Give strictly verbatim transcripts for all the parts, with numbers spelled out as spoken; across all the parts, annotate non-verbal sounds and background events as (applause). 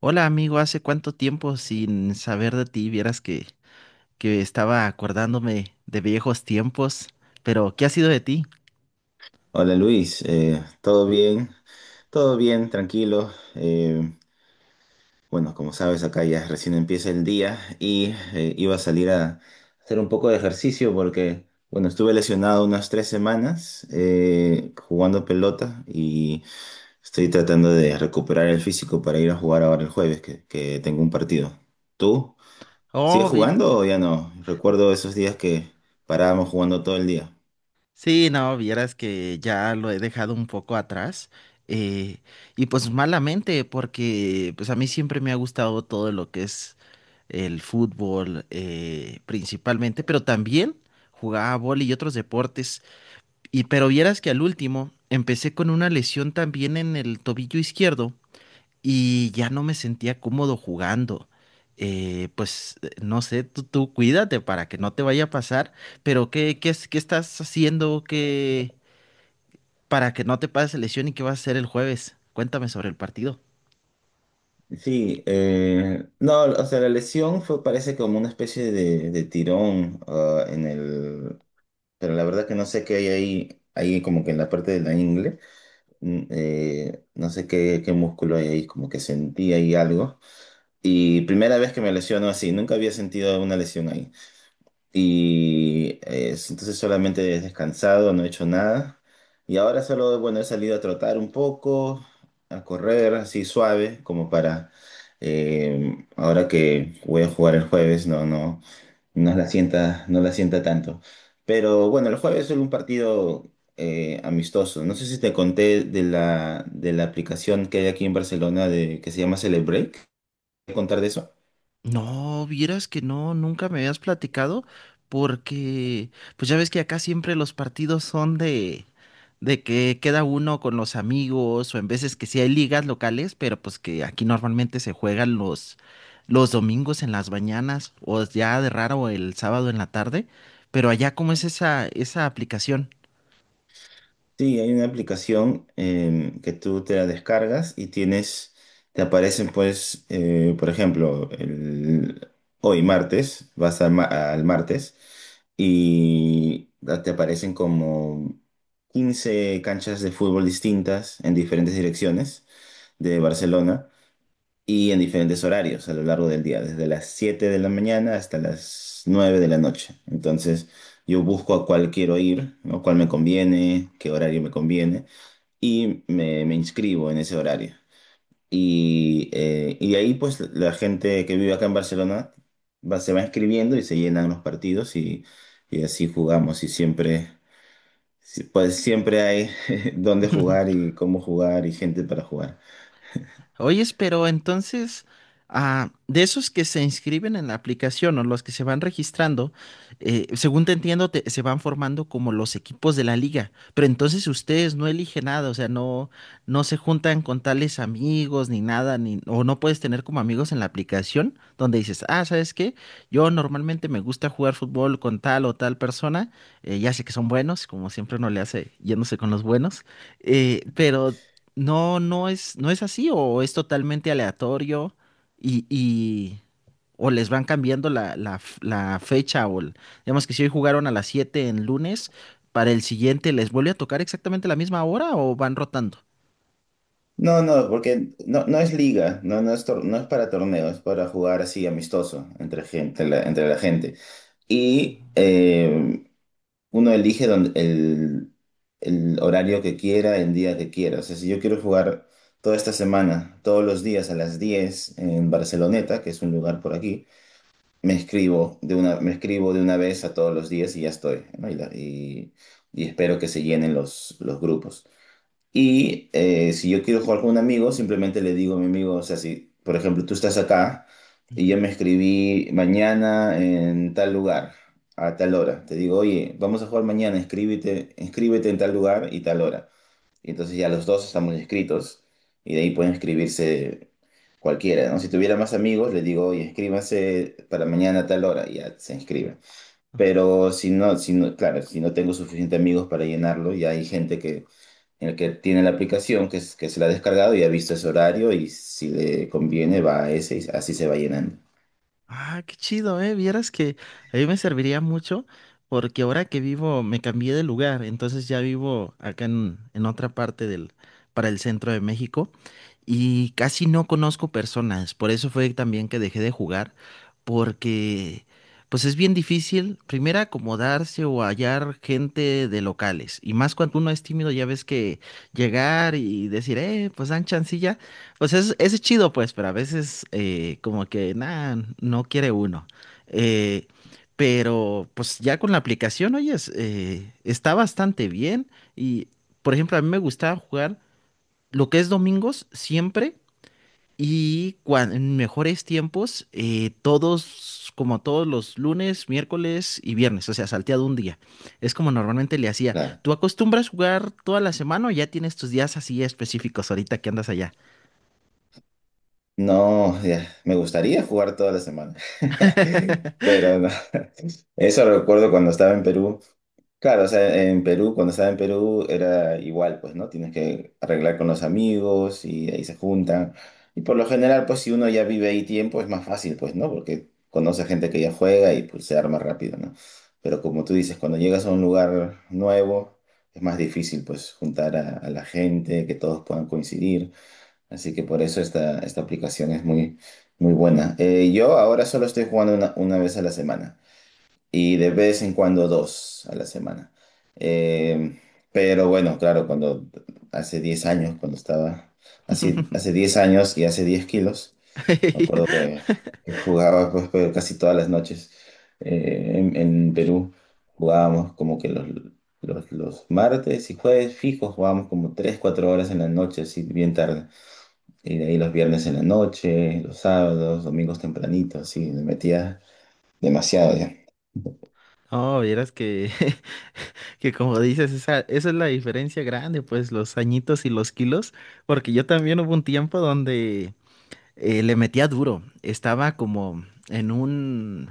Hola amigo, hace cuánto tiempo sin saber de ti, vieras que, que estaba acordándome de viejos tiempos, pero ¿qué ha sido de ti? Hola Luis, eh, ¿todo bien? Todo bien, tranquilo. Eh, bueno, como sabes, acá ya recién empieza el día y eh, iba a salir a hacer un poco de ejercicio porque, bueno, estuve lesionado unas tres semanas eh, jugando pelota y estoy tratando de recuperar el físico para ir a jugar ahora el jueves, que, que tengo un partido. ¿Tú? ¿Sigues Oh, vi. jugando o ya no? Recuerdo esos días que parábamos jugando todo el día. Sí, no, vieras que ya lo he dejado un poco atrás. eh, y pues malamente, porque pues a mí siempre me ha gustado todo lo que es el fútbol eh, principalmente, pero también jugaba vóley y otros deportes. Y pero vieras que al último empecé con una lesión también en el tobillo izquierdo y ya no me sentía cómodo jugando. Eh, pues eh, no sé, tú, tú cuídate para que no te vaya a pasar, pero ¿qué, qué, es- qué estás haciendo que para que no te pase lesión, y ¿qué vas a hacer el jueves? Cuéntame sobre el partido. Sí, eh, no, o sea, la lesión fue, parece como una especie de, de tirón, ah, en el, pero la verdad que no sé qué hay ahí, ahí como que en la parte de la ingle, mm, eh, no sé qué, qué, músculo hay ahí, como que sentí ahí algo. Y primera vez que me lesiono así, nunca había sentido una lesión ahí. Y eh, entonces solamente he descansado, no he hecho nada. Y ahora solo, bueno, he salido a trotar un poco, a correr así suave, como para eh, ahora que voy a jugar el jueves, no, no, no la sienta, no la sienta tanto. Pero bueno, el jueves es un partido eh, amistoso. No sé si te conté de la, de la aplicación que hay aquí en Barcelona de, que se llama Celebrate. ¿Te contar de eso? No, vieras que no, nunca me habías platicado, porque pues ya ves que acá siempre los partidos son de, de que queda uno con los amigos, o en veces que sí hay ligas locales, pero pues que aquí normalmente se juegan los, los domingos en las mañanas, o ya de raro el sábado en la tarde, pero allá, ¿cómo es esa, esa aplicación? Sí, hay una aplicación em, que tú te la descargas y tienes, te aparecen pues, eh, por ejemplo, el- hoy martes, vas al, ma- al martes y da- te aparecen como quince canchas de fútbol distintas en diferentes direcciones de Barcelona y en diferentes horarios a lo largo del día, desde las siete de la mañana hasta las nueve de la noche. Entonces, yo busco a cuál quiero ir, ¿no? Cuál me conviene, qué horario me conviene, y me, me inscribo en ese horario. Y, eh, y de ahí, pues, la gente que vive acá en Barcelona va, se va inscribiendo y se llenan los partidos y, y así jugamos y siempre... sí, pues siempre hay (laughs) dónde jugar (laughs) y cómo jugar y gente para jugar. Oyes, pero entonces, ah, de esos que se inscriben en la aplicación o los que se van registrando, eh, según te entiendo, te- se van formando como los equipos de la liga, pero entonces ustedes no eligen nada, o sea, no, no se juntan con tales amigos ni nada, ni, o no puedes tener como amigos en la aplicación donde dices, ah, ¿sabes qué? Yo normalmente me gusta jugar fútbol con tal o tal persona. Eh, ya sé que son buenos, como siempre uno le hace yéndose con los buenos. Eh, pero no, no es, no es así, o es totalmente aleatorio, y, y- o les van cambiando la, la f- la fecha, o el- digamos que si hoy jugaron a las siete en lunes, para el siguiente les vuelve a tocar exactamente la misma hora, o van rotando. No, no, porque no, no es liga, no, no es, tor- no es para torneo, es para jugar así amistoso entre gente, la- entre la gente. Y eh, uno elige don- el, el horario que quiera, el día que quiera. O sea, si yo quiero jugar toda esta semana, todos los días a las diez en Barceloneta, que es un lugar por aquí, me escribo de una, me escribo de una vez a todos los días y ya estoy, ¿no? Y, la- y- y espero que se llenen los, los grupos. Y eh, si yo quiero jugar con un amigo, simplemente le digo a mi amigo, o sea, si por ejemplo tú estás acá Ujú. y yo me escribí mañana en tal lugar, a tal hora, te digo, oye, vamos a jugar mañana, inscríbete, inscríbete en tal lugar y tal hora. Y entonces ya los dos estamos inscritos y de ahí pueden Ah. inscribirse cualquiera, ¿no? Si tuviera más amigos, le digo, oye, inscríbanse para mañana a tal hora y ya se inscribe. Pero si no, si no, claro, si no tengo suficientes amigos para llenarlo, ya hay gente que el que tiene la aplicación, que, es- que se la ha descargado y ha visto ese horario y si le conviene va a ese y así se va llenando. Ah, qué chido, ¿eh? Vieras que a mí me serviría mucho, porque ahora que vivo me cambié de lugar, entonces ya vivo acá en, en otra parte del, para el centro de México, y casi no conozco personas. Por eso fue también que dejé de jugar, porque pues es bien difícil primero acomodarse o hallar gente de locales, y más cuando uno es tímido. Ya ves que llegar y decir, eh, pues dan chancilla, pues es, es chido, pues, pero a veces eh, como que nada, no quiere uno. Eh, pero pues ya con la aplicación, oyes, eh, está bastante bien. Y por ejemplo, a mí me gustaba jugar lo que es domingos siempre, y cuan- en mejores tiempos, eh, todos, como todos los lunes, miércoles y viernes, o sea, salteado un día. Es como normalmente le hacía. Claro. ¿Tú acostumbras jugar toda la semana, o ya tienes tus días así específicos ahorita que andas allá? No, ya, me gustaría jugar toda la semana, (laughs) (laughs) pero no. Eso recuerdo cuando estaba en Perú. Claro, o sea, en Perú, cuando estaba en Perú era igual, pues, ¿no? Tienes que arreglar con los amigos y ahí se juntan. Y por lo general, pues, si uno ya vive ahí tiempo, es más fácil, pues, ¿no? Porque conoce gente que ya juega y pues se arma rápido, ¿no? Pero como tú dices, cuando llegas a un lugar nuevo, es más difícil, pues, juntar a, a la gente, que todos puedan coincidir. Así que por eso esta, esta aplicación es muy, muy buena. Eh, yo ahora solo estoy jugando una, una vez a la semana y de vez en cuando dos a la semana. Eh, pero bueno, claro, cuando hace diez años, cuando estaba así, hace (laughs) diez años y hace diez kilos, me acuerdo que, que, jugaba pues, pero casi todas las noches eh, en, en Perú. Jugábamos como que los, los, los martes y jueves fijos, jugábamos como tres cuatro horas en la noche, así bien tarde. Y de ahí los viernes en la noche, los sábados, domingos tempranito, así, me metía demasiado ya. No, vieras que, (laughs) que como dices, esa, esa es la diferencia grande, pues los añitos y los kilos, porque yo también hubo un tiempo donde eh, le metía duro, estaba como en un,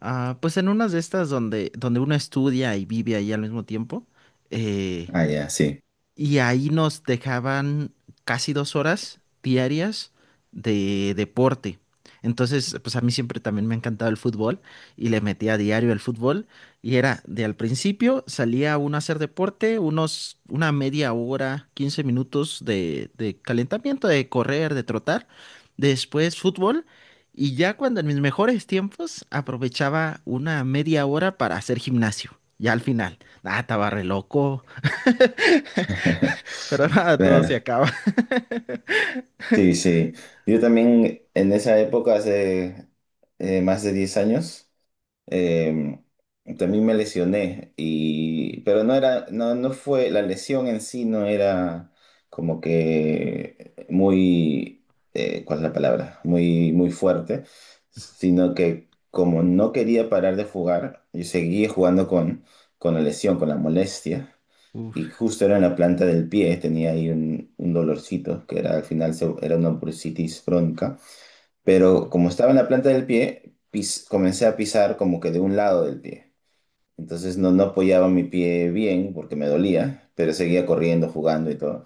ah, pues en unas de estas donde, donde uno estudia y vive ahí al mismo tiempo. eh, Ah, ya, sí. Y ahí nos dejaban casi dos horas diarias de deporte. Entonces, pues a mí siempre también me ha encantado el fútbol, y le metía a diario el fútbol. Y era de al principio salía uno a hacer deporte, unos, una media hora, quince minutos de, de calentamiento, de correr, de trotar. Después fútbol. Y ya cuando en mis mejores tiempos aprovechaba una media hora para hacer gimnasio. Ya al final, nada, estaba re loco. (laughs) Pero (laughs) nada, todo Claro, se acaba. sí, sí. Yo también en esa época, hace eh, más de diez años, eh, también me lesioné y pero no era, no, no fue la lesión en sí, no era como que muy eh, ¿cuál es la palabra? Muy muy fuerte, sino que como no quería parar de jugar, yo seguía jugando con con la lesión, con la molestia y Uf. justo era en la planta del pie, tenía ahí un, un dolorcito que era al final se- era una bursitis bronca, pero como estaba en la planta del pie, pis- comencé a pisar como que de un lado del pie. Entonces no, no apoyaba mi pie bien porque me dolía, pero seguía corriendo, jugando y todo.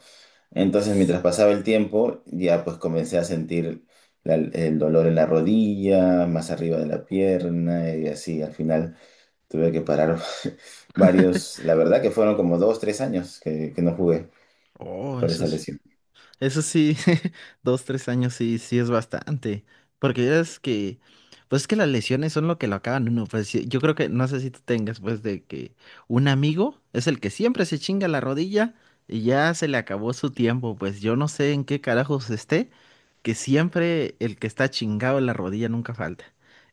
Entonces mientras pasaba el tiempo, ya pues comencé a sentir la- el dolor en la rodilla, más arriba de la pierna y así. Al final tuve que parar (laughs) varios, la verdad que fueron como dos, tres años que, que no jugué Oh, por eso esa es, lesión. eso sí, (laughs) dos, tres años sí, sí es bastante. Porque ya es que, pues es que las lesiones son lo que lo acaban uno. Pues sí, yo creo que, no sé si tú tengas, pues de que un amigo es el que siempre se chinga la rodilla y ya se le acabó su tiempo. Pues yo no sé en qué carajos esté, que siempre el que está chingado en la rodilla nunca falta.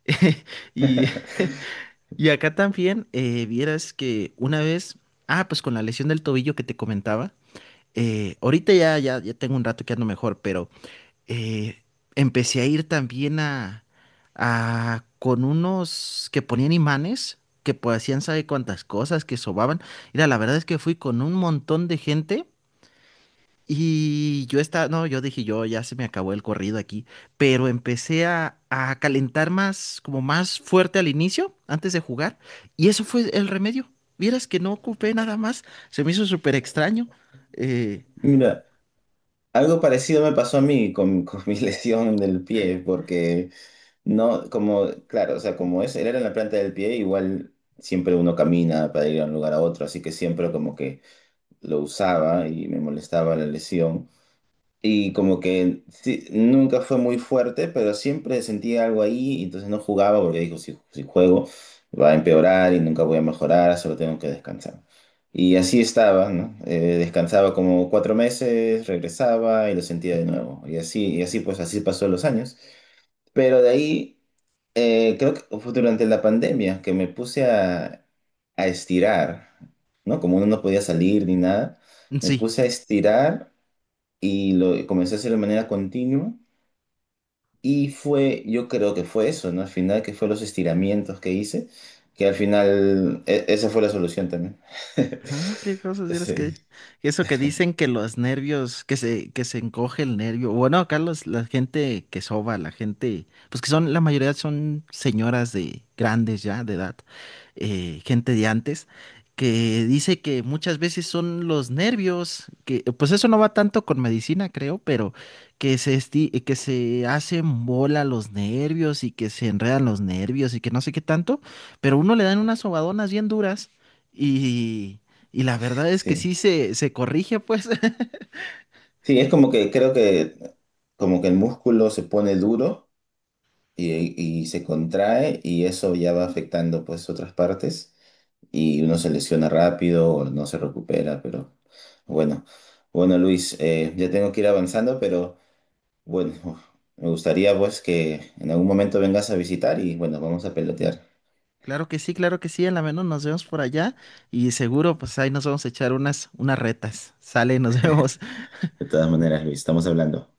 (laughs) Y (laughs) (laughs) y acá también eh, vieras que una vez, ah, pues con la lesión del tobillo que te comentaba, eh, ahorita ya, ya, ya tengo un rato que ando mejor, pero eh, empecé a ir también a, a con unos que ponían imanes, que pues, hacían sabe cuántas cosas, que sobaban. Mira, la verdad es que fui con un montón de gente, y yo estaba, no, yo dije, yo ya se me acabó el corrido aquí, pero empecé a, a calentar más, como más fuerte al inicio, antes de jugar, y eso fue el remedio. Vieras que no ocupé nada más, se me hizo súper extraño. Eh, Mira. Algo parecido me pasó a mí con, con mi (laughs) lesión del pie, porque no, como, claro, o sea, como es, él era en la planta del pie, igual siempre uno camina para ir de un lugar a otro, así que siempre como que lo usaba y me molestaba la lesión. Y como que sí, nunca fue muy fuerte, pero siempre sentía algo ahí, y entonces no jugaba porque dijo, si, si juego va a empeorar y nunca voy a mejorar, solo tengo que descansar. Y así estaba, ¿no? Eh, descansaba como cuatro meses, regresaba y lo sentía de nuevo. Y así, y así pues así pasó los años. Pero de ahí, eh, creo que fue durante la pandemia que me puse a, a estirar, ¿no? Como uno no podía salir ni nada, me sí. puse a estirar y lo comencé a hacer de manera continua y fue, yo creo que fue eso, ¿no? Al final, que fue los estiramientos que hice, que al final e- esa fue la solución también. (laughs) Oh, qué cosas eres Sí, que eso que dicen que los nervios, que se, que se encoge el nervio. Bueno, acá los- la gente que soba, la gente, pues que son, la mayoría son señoras de grandes ya, de edad, eh, gente de antes, que dice que muchas veces son los nervios, que pues eso no va tanto con medicina, creo, pero que se esti- que se hacen bola los nervios, y que se enredan los nervios, y que no sé qué tanto, pero uno le dan unas sobadonas bien duras. Y, y la verdad es que sí. sí se, se corrige, pues. (laughs) Sí, es como que creo que como que el músculo se pone duro y, y se contrae y eso ya va afectando pues otras partes y uno se lesiona rápido o no se recupera, pero bueno, bueno Luis, eh, ya tengo que ir avanzando, pero... Bueno, me gustaría pues que en algún momento vengas a visitar y bueno, vamos a pelotear. Claro que sí, claro que sí. A la menos nos vemos por allá. Y seguro, pues ahí nos vamos a echar unas, unas retas. Sale, nos (laughs) vemos. De todas maneras, Luis, estamos hablando.